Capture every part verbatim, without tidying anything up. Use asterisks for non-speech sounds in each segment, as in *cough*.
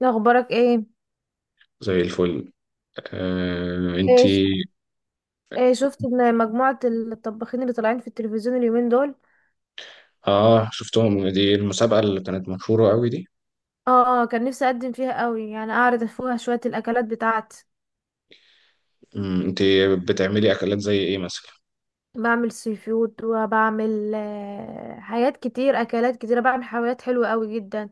لا، اخبارك ايه؟ زي الفل. آه، ايه ش- انتي؟ ايه شفت ان مجموعة الطباخين اللي طالعين في التلفزيون اليومين دول. اه، شفتهم. دي المسابقة اللي كانت مشهورة قوي دي. اه. آه، كان نفسي اقدم فيها قوي، يعني اعرض فيها شوية الاكلات بتاعتي. مم، انتي بتعملي اكلات زي ايه مثلا؟ بعمل سي فود، وبعمل آه، حاجات كتير، اكلات كتيرة، بعمل حلويات حلوة قوي جدا.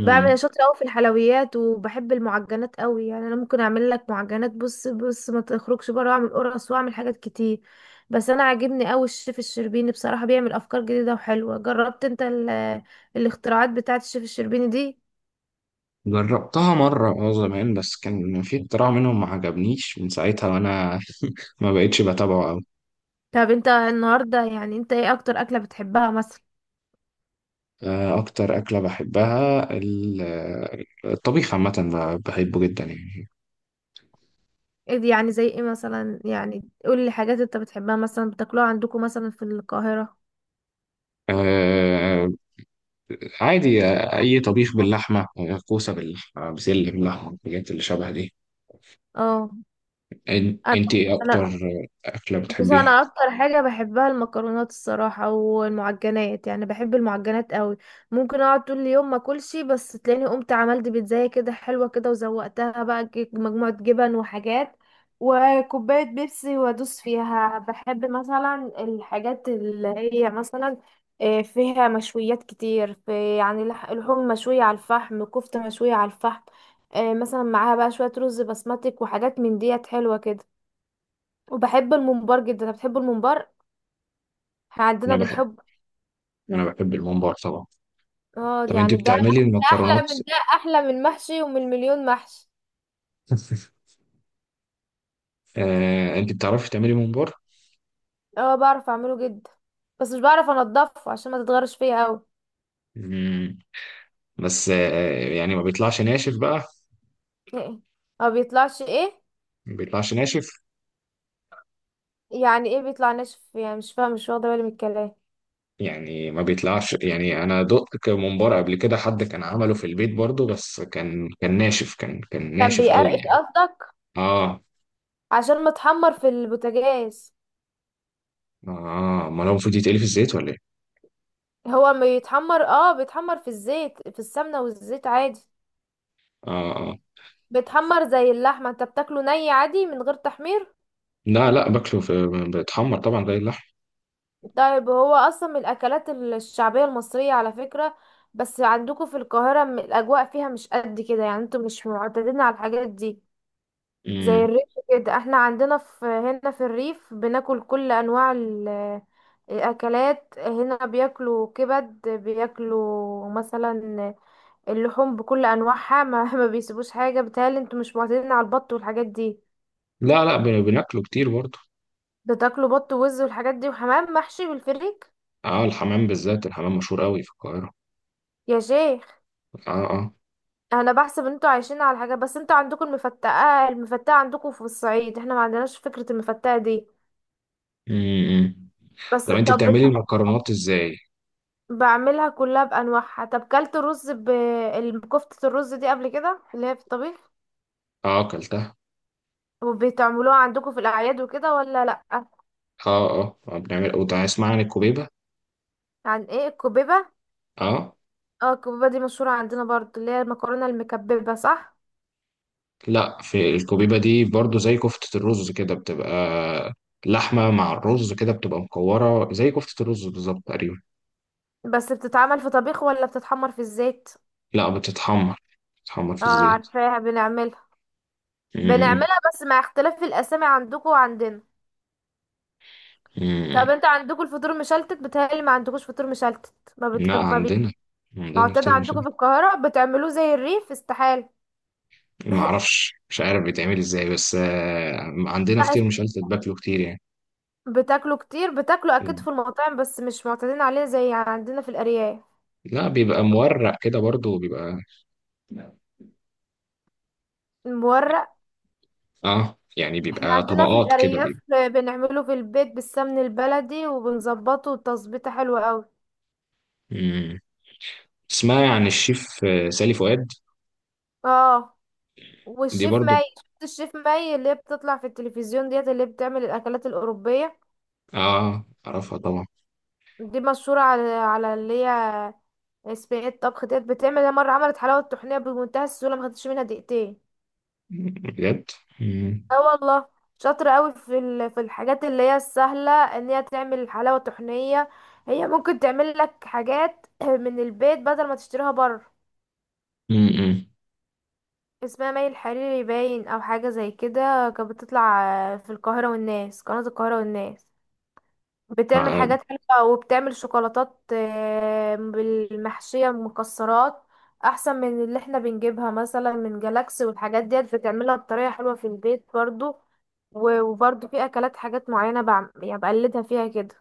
بعمل أنا شاطرة أوي في الحلويات وبحب المعجنات أوي، يعني أنا ممكن أعمل لك معجنات، بص بص ما تخرجش بره، وأعمل قرص وأعمل حاجات كتير. بس أنا عاجبني أوي الشيف الشربيني بصراحة، بيعمل أفكار جديدة وحلوة. جربت أنت ال- *hesitation* الاختراعات بتاعة الشيف الشربيني دي؟ جربتها مرة اه زمان، بس كان في اختراع منهم ما عجبنيش، من ساعتها وانا ما بقتش بتابعه قوي. طب أنت النهاردة، يعني أنت إيه أكتر أكلة بتحبها مثلا؟ آه، اكتر اكلة بحبها ال- الطبيخ عامة، ب- بحبه جدا يعني. إيه دي يعني؟ زي إيه مثلا؟ يعني قولي حاجات أنت بتحبها، مثلا بتاكلوها عندكم مثلا في القاهرة. آه، عادي. آه، اي طبيخ باللحمة، آه، كوسة باللحمة، بسلة باللحمة، الحاجات اللي شبه دي. اه. إن- أنا انت ايه انا اكتر اكله بس بتحبيها؟ انا اكتر حاجه بحبها المكرونات الصراحه والمعجنات، يعني بحب المعجنات قوي. ممكن اقعد طول اليوم ما اكلش، بس تلاقيني قمت عملت بيتزاية كده حلوه كده، وزوقتها بقى، ج- مجموعه جبن وحاجات وكوبايه بيبسي وادوس فيها. بحب مثلا الحاجات اللي هي مثلا آه، فيها مشويات كتير، في يعني لح- لحوم مشويه على الفحم، كفته مشويه على الفحم. آه، مثلا معاها بقى شويه رز بسمتك وحاجات من ديت حلوه كده. وبحب الممبار جدا، أنا بتحب الممبار، احنا انا عندنا بحب. بنحب. انا بحب الممبار طبعا. اه طب انت يعني ده، بتعملي ده احلى المكرونات؟ من ده احلى من المحشي ومن مليون محشي. *laughs* آه، انت بتعرفي تعملي ممبار؟ اه، بعرف اعمله جدا، بس مش بعرف انضفه عشان ما تتغرش فيا قوي. مم. بس آه، يعني ما بيطلعش ناشف بقى. ايه؟ ما بيطلعش ايه؟ ما بيطلعش ناشف. يعني ايه بيطلع ناشف؟ يعني مش فاهم، مش واخده بالي من الكلام. يعني ما بيطلعش، يعني انا دقت ك- ممبار قبل كده، حد كان عمله في البيت برضو، بس كان كان ناشف، كان كان كان ناشف قوي بيقرقش يعني. قصدك؟ اه عشان متحمر في البوتاجاز. اه، ما هو المفروض يتقلي في الزيت ولا ايه؟ هو ما يتحمر؟ اه، بيتحمر في الزيت، في السمنه والزيت عادي. اه اه. بيتحمر زي اللحمه، انت بتاكله ني عادي من غير تحمير؟ لا لا، باكله في. بيتحمر طبعا زي اللحم. طيب، هو اصلا من الاكلات الشعبيه المصريه على فكره. بس عندكم في القاهره، م- الاجواء فيها مش قد كده، يعني انتوا مش معتادين على الحاجات دي. زي مم. الريف كده، احنا عندنا في هنا في الريف بناكل كل انواع ال- الاكلات. هنا بياكلوا كبد، بياكلوا مثلا اللحوم بكل انواعها، ما, *laughs* ما بيسيبوش حاجه. بيتهيألي انتوا مش معتادين على البط والحاجات دي. لا لا، بن- بناكله كتير برضه. بتاكلوا بط ووز والحاجات دي وحمام محشي بالفريك. اه، الحمام بالذات. الحمام مشهور قوي في القاهرة. يا شيخ! اه اه. انا بحسب انتوا عايشين على حاجه، بس انتوا عندكم المفتقه المفتقه عندكم في الصعيد، احنا ما عندناش فكره المفتقه دي. امم إمم. بس طب انت طب بت- بتعملي المكرونات ازاي؟ بعملها كلها بانواعها. طب كلت رز، ب ال- كفته الرز دي قبل كده اللي هي في الطبيخ؟ اه، اكلتها. وبتعملوها عندكم في الاعياد وكده ولا لا؟ اه اه، آه، بنعمل او اسمع عن الكوبيبة. عن ايه؟ الكبيبه؟ اه. اه، الكبيبه دي مشهوره عندنا برضو، اللي هي المكرونه المكببه، صح؟ لا، في الكوبيبة دي برضه زي كفتة الرز كده بتبقى لحمة مع الرز، كده بتبقى مكورة زي كفتة الرز بالظبط تقريبا. بس بتتعمل في طبيخ ولا بتتحمر في الزيت؟ لا، بتتحمر. بتتحمر اه، في الزيت. عارفاها، بنعملها امم. بنعملها بس مع اختلاف الاسامي عندكم وعندنا. امم طب إمم. انت عندكم الفطور مشلتت؟ بتهيألي ما عندكوش فطور مشلتت، ما لا، بتحب، ما بي... عندنا. عندنا معتاد كتير. عندكم في القاهرة بتعملوه زي الريف؟ استحالة. ما اعرفش، مش عارف بيتعمل ازاي، بس آه، عندنا لا فطير، است- مش قلت باكله كتير يعني. بتاكلوا كتير، بتاكلوا اكيد في المطاعم بس مش معتادين عليه زي عندنا في الارياف. لا، بيبقى مورق كده برضو بيبقى. المورق، اه، يعني احنا بيبقى عندنا في طبقات كده الارياف بيبقى. بنعمله في البيت بالسمن البلدي وبنظبطه تظبيطه حلوة قوي. مم. اسمها عن الشيف آه، سالي فؤاد. اه، دي والشيف برضو. ماي، شفت الشيف ماي اللي هي بتطلع في التلفزيون ديت اللي بتعمل الاكلات الاوروبية؟ اه اعرفها طبعا. دي مشهورة على على اللي هي صينية طبخ ديت بتعمل. هي مرة عملت حلاوة طحينية بمنتهى السهولة، ما خدتش منها دقيقتين. مم. بجد. مم. اه والله، شاطرة قوي في ال- في الحاجات اللي هي السهلة، ان هي تعمل حلاوة طحينية. هي ممكن تعمل لك حاجات *clears throat* من البيت بدل ما تشتريها بره. مم. اسمها مي الحريري، باين او حاجة زي كده. كانت بتطلع آه، في القاهرة والناس، قناة القاهرة والناس. بتعمل آه. حاجات حلوة وبتعمل شوكولاتات آه، بالمحشية مكسرات، احسن من اللي احنا بنجيبها مثلا من جالاكسي. والحاجات ديت بتعملها بطريقة حلوة في البيت برضو. و- وبرضو في اكلات، حاجات معينة بعم- يعني بقلدها فيها كده.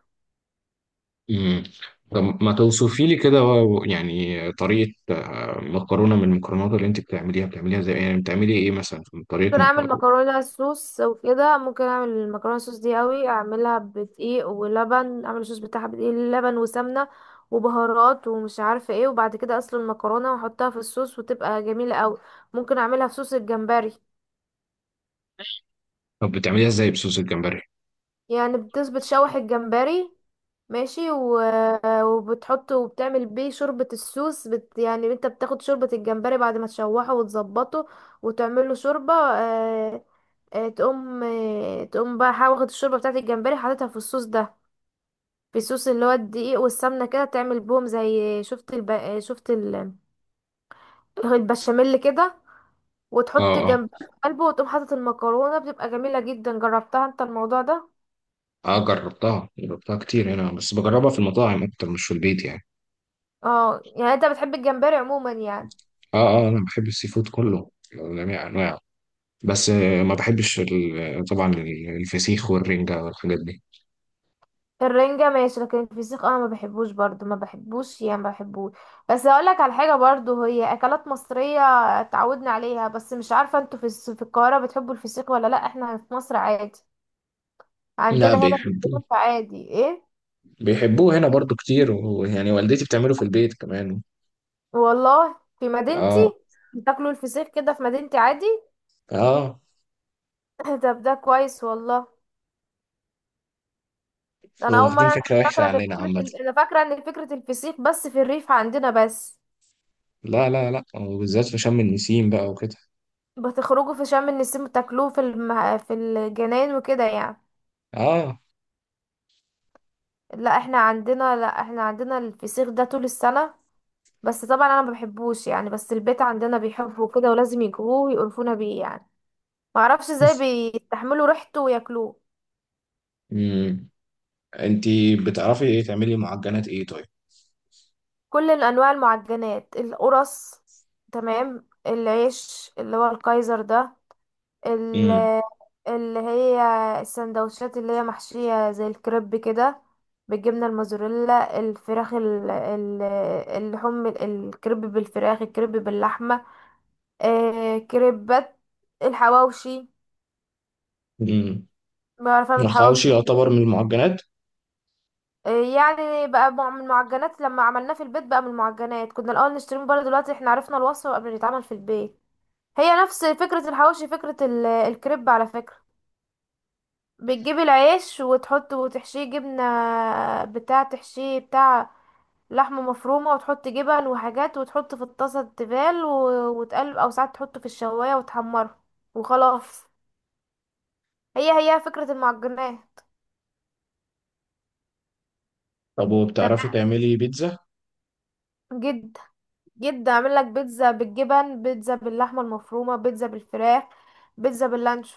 مم. طب ما توصفي لي كده و- يعني طريقة آه، مكرونة من المكرونات اللي انت بتعمليها، بتعمليها ازاي؟ يعني بتعملي ايه مثلا في طريقة ممكن مك... اعمل مكرونة صوص وكده. ممكن اعمل المكرونة صوص دي قوي، اعملها بدقيق ولبن، اعمل الصوص بتاعها بدقيق لبن وسمنة وبهارات ومش عارفة ايه، وبعد كده اسلق المكرونة واحطها في الصوص وتبقى جميلة قوي. ممكن اعملها في صوص الجمبري. طب بتعمليها ازاي بصوص الجمبري؟ يعني بتس بتشوح الجمبري، ماشي، و... وبتحطه وبتعمل بيه شوربة السوس. بت... يعني انت بتاخد شوربة الجمبري بعد ما تشوحه وتظبطه وتعمله شوربة، آه... آه... تقوم، آه... تقوم بقى، حا- واخد الشوربة بتاعت الجمبري حاططها في الصوص ده، في الصوص اللي هو الدقيق والسمنة كده، تعمل بهم زي شفت الب... آه، شفت ال... البشاميل كده. اه وتحط اه الجمبري في قلبه وتقوم حاطط المكرونة، بتبقى جميلة جدا. جربتها انت الموضوع ده؟ اه، جربتها. جربتها كتير هنا بس بجربها في المطاعم اكتر مش في البيت يعني. اه يعني انت بتحب الجمبري عموما يعني. اه اه، انا بحب السي فود كله، جميع انواعه. بس آه، ما بحبش ال- طبعا الفسيخ والرنجة والحاجات دي. الرنجة ماشي، لكن الفسيخ انا ما بحبوش برضو، ما بحبوش، يعني ما بحبوش. بس هقولك على حاجة برضو، هي اكلات مصرية اتعودنا عليها، بس مش عارفة انتوا في الس- في القاهرة بتحبوا الفسيخ ولا لا. احنا في مصر عادي، لا، عندنا هنا في بيحبوه. الفيوم عادي. ايه؟ بيحبوه هنا برضو كتير، ويعني والدتي بتعمله في البيت كمان. والله؟ في مدينتي اه بتاكلوا الفسيخ كده؟ في مدينتي عادي. اه. *laughs* طب ده كويس والله. ده انا هو اول واخدين مرة أعرف- فكرة وحشة فاكرة ان عننا فكرة عامة. ال- انا فاكرة ان فكرة الفسيخ بس في الريف عندنا بس. لا لا لا، وبالذات في شم النسيم بقى وكده. بتخرجوا في شم النسيم بتاكلوه في الم... في الجناين وكده يعني. اه. لا احنا عندنا لا احنا عندنا الفسيخ ده طول السنة. بس طبعا انا ما بحبوش يعني، بس البيت عندنا بيحبوا كده، ولازم يجيبوه ويقرفونا بيه يعني. ما اعرفش ازاي *laughs* بيستحملوا ريحته وياكلوه. امم. انتي بتعرفي ايه تعملي معجنات ايه طيب؟ كل الانواع المعجنات، القرص، تمام، العيش اللي هو الكايزر ده، ال- اللي هي السندوتشات اللي هي محشية زي الكريب كده، بالجبنة الموزاريلا، الفراخ، ال- ال- اللحوم، الكريب بالفراخ، الكريب باللحمة، آه كريبات، الحواوشي. امم. بعرف اعمل حواوشي. الحواوشي يعتبر من المعجنات؟ آه يعني بقى، مع- من المعجنات، لما عملناه في البيت بقى من المعجنات. كنا الاول نشتري من بره، دلوقتي احنا عرفنا الوصفه قبل ما يتعمل في البيت. هي نفس فكره الحواوشي، فكره ال- الكريب على فكره. بتجيب العيش وتحط وتحشيه جبنه، بتاع تحشيه بتاع لحمه مفرومه، وتحط جبن وحاجات وتحط في الطاسه تبال و- وتقلب، او ساعات تحطه في الشوايه وتحمره وخلاص. هي هي فكره المعجنات. طب وبتعرفي تمام، تعملي بيتزا؟ جدا جدا، اعمل لك بيتزا بالجبن، بيتزا باللحمه المفرومه، بيتزا بالفراخ، بيتزا باللانشو.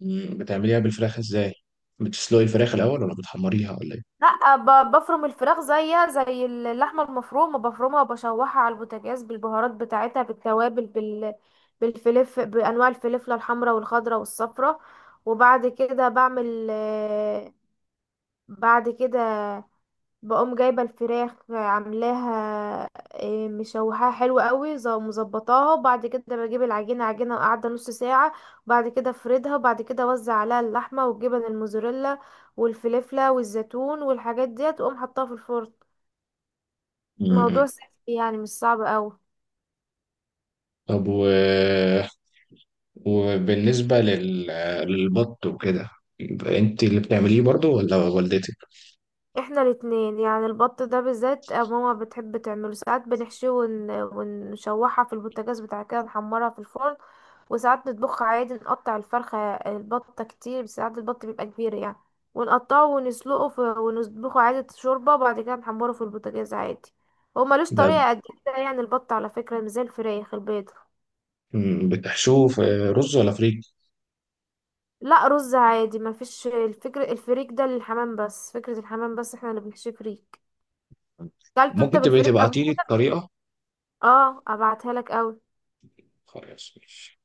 مم. بتعمليها بالفراخ ازاي؟ بتسلقي الفراخ الاول ولا بتحمريها ولا ايه؟ لا، ب- بفرم الفراخ زيها زي اللحمه المفرومه، بفرمها وبشوحها على البوتاجاز بالبهارات بتاعتها، بالتوابل، بال بالفلف، بانواع الفلفله الحمراء والخضراء والصفراء. وبعد كده بعمل آه، بعد كده بقوم جايبة الفراخ عاملاها إيه، مشوحاها حلو قوي، ز- مظبطاها، وبعد كده بجيب العجينة، عجينة قاعدة نص ساعة، وبعد كده افردها، وبعد كده اوزع عليها اللحمة والجبن الموزاريلا والفلفلة والزيتون والحاجات ديت، واقوم حطاها في الفرن. مم. موضوع سهل يعني، مش صعب قوي. طب و... وبالنسبة لل... للبط وكده، يبقى انت اللي بتعمليه برضو ولا والدتك؟ احنا الاتنين. يعني البط ده بالذات ماما بتحب تعمله، ساعات بنحشيه ون... ونشوحها في البوتاجاز بتاع كده، نحمرها في الفرن. وساعات نطبخها عادي، نقطع الفرخة البطة كتير، ساعات البط بيبقى كبير يعني، ونقطعه ونسلقه في... ونطبخه عادي شوربة، وبعد كده نحمره في البوتاجاز عادي. هو ملوش ده. طريقة قد كده يعني، البط على فكرة مش زي الفراخ البيض. مم. بتحشوه في رز ولا فريك؟ لا، رز عادي، مفيش. الفكرة الفريك ده للحمام بس، فكرة الحمام بس، احنا اللي بنحشيه فريك. كلته انت ممكن تبقي بالفريك قبل؟ تبعتيلي الطريقة. اه، ابعتها لك قوي. خلاص، ماشي.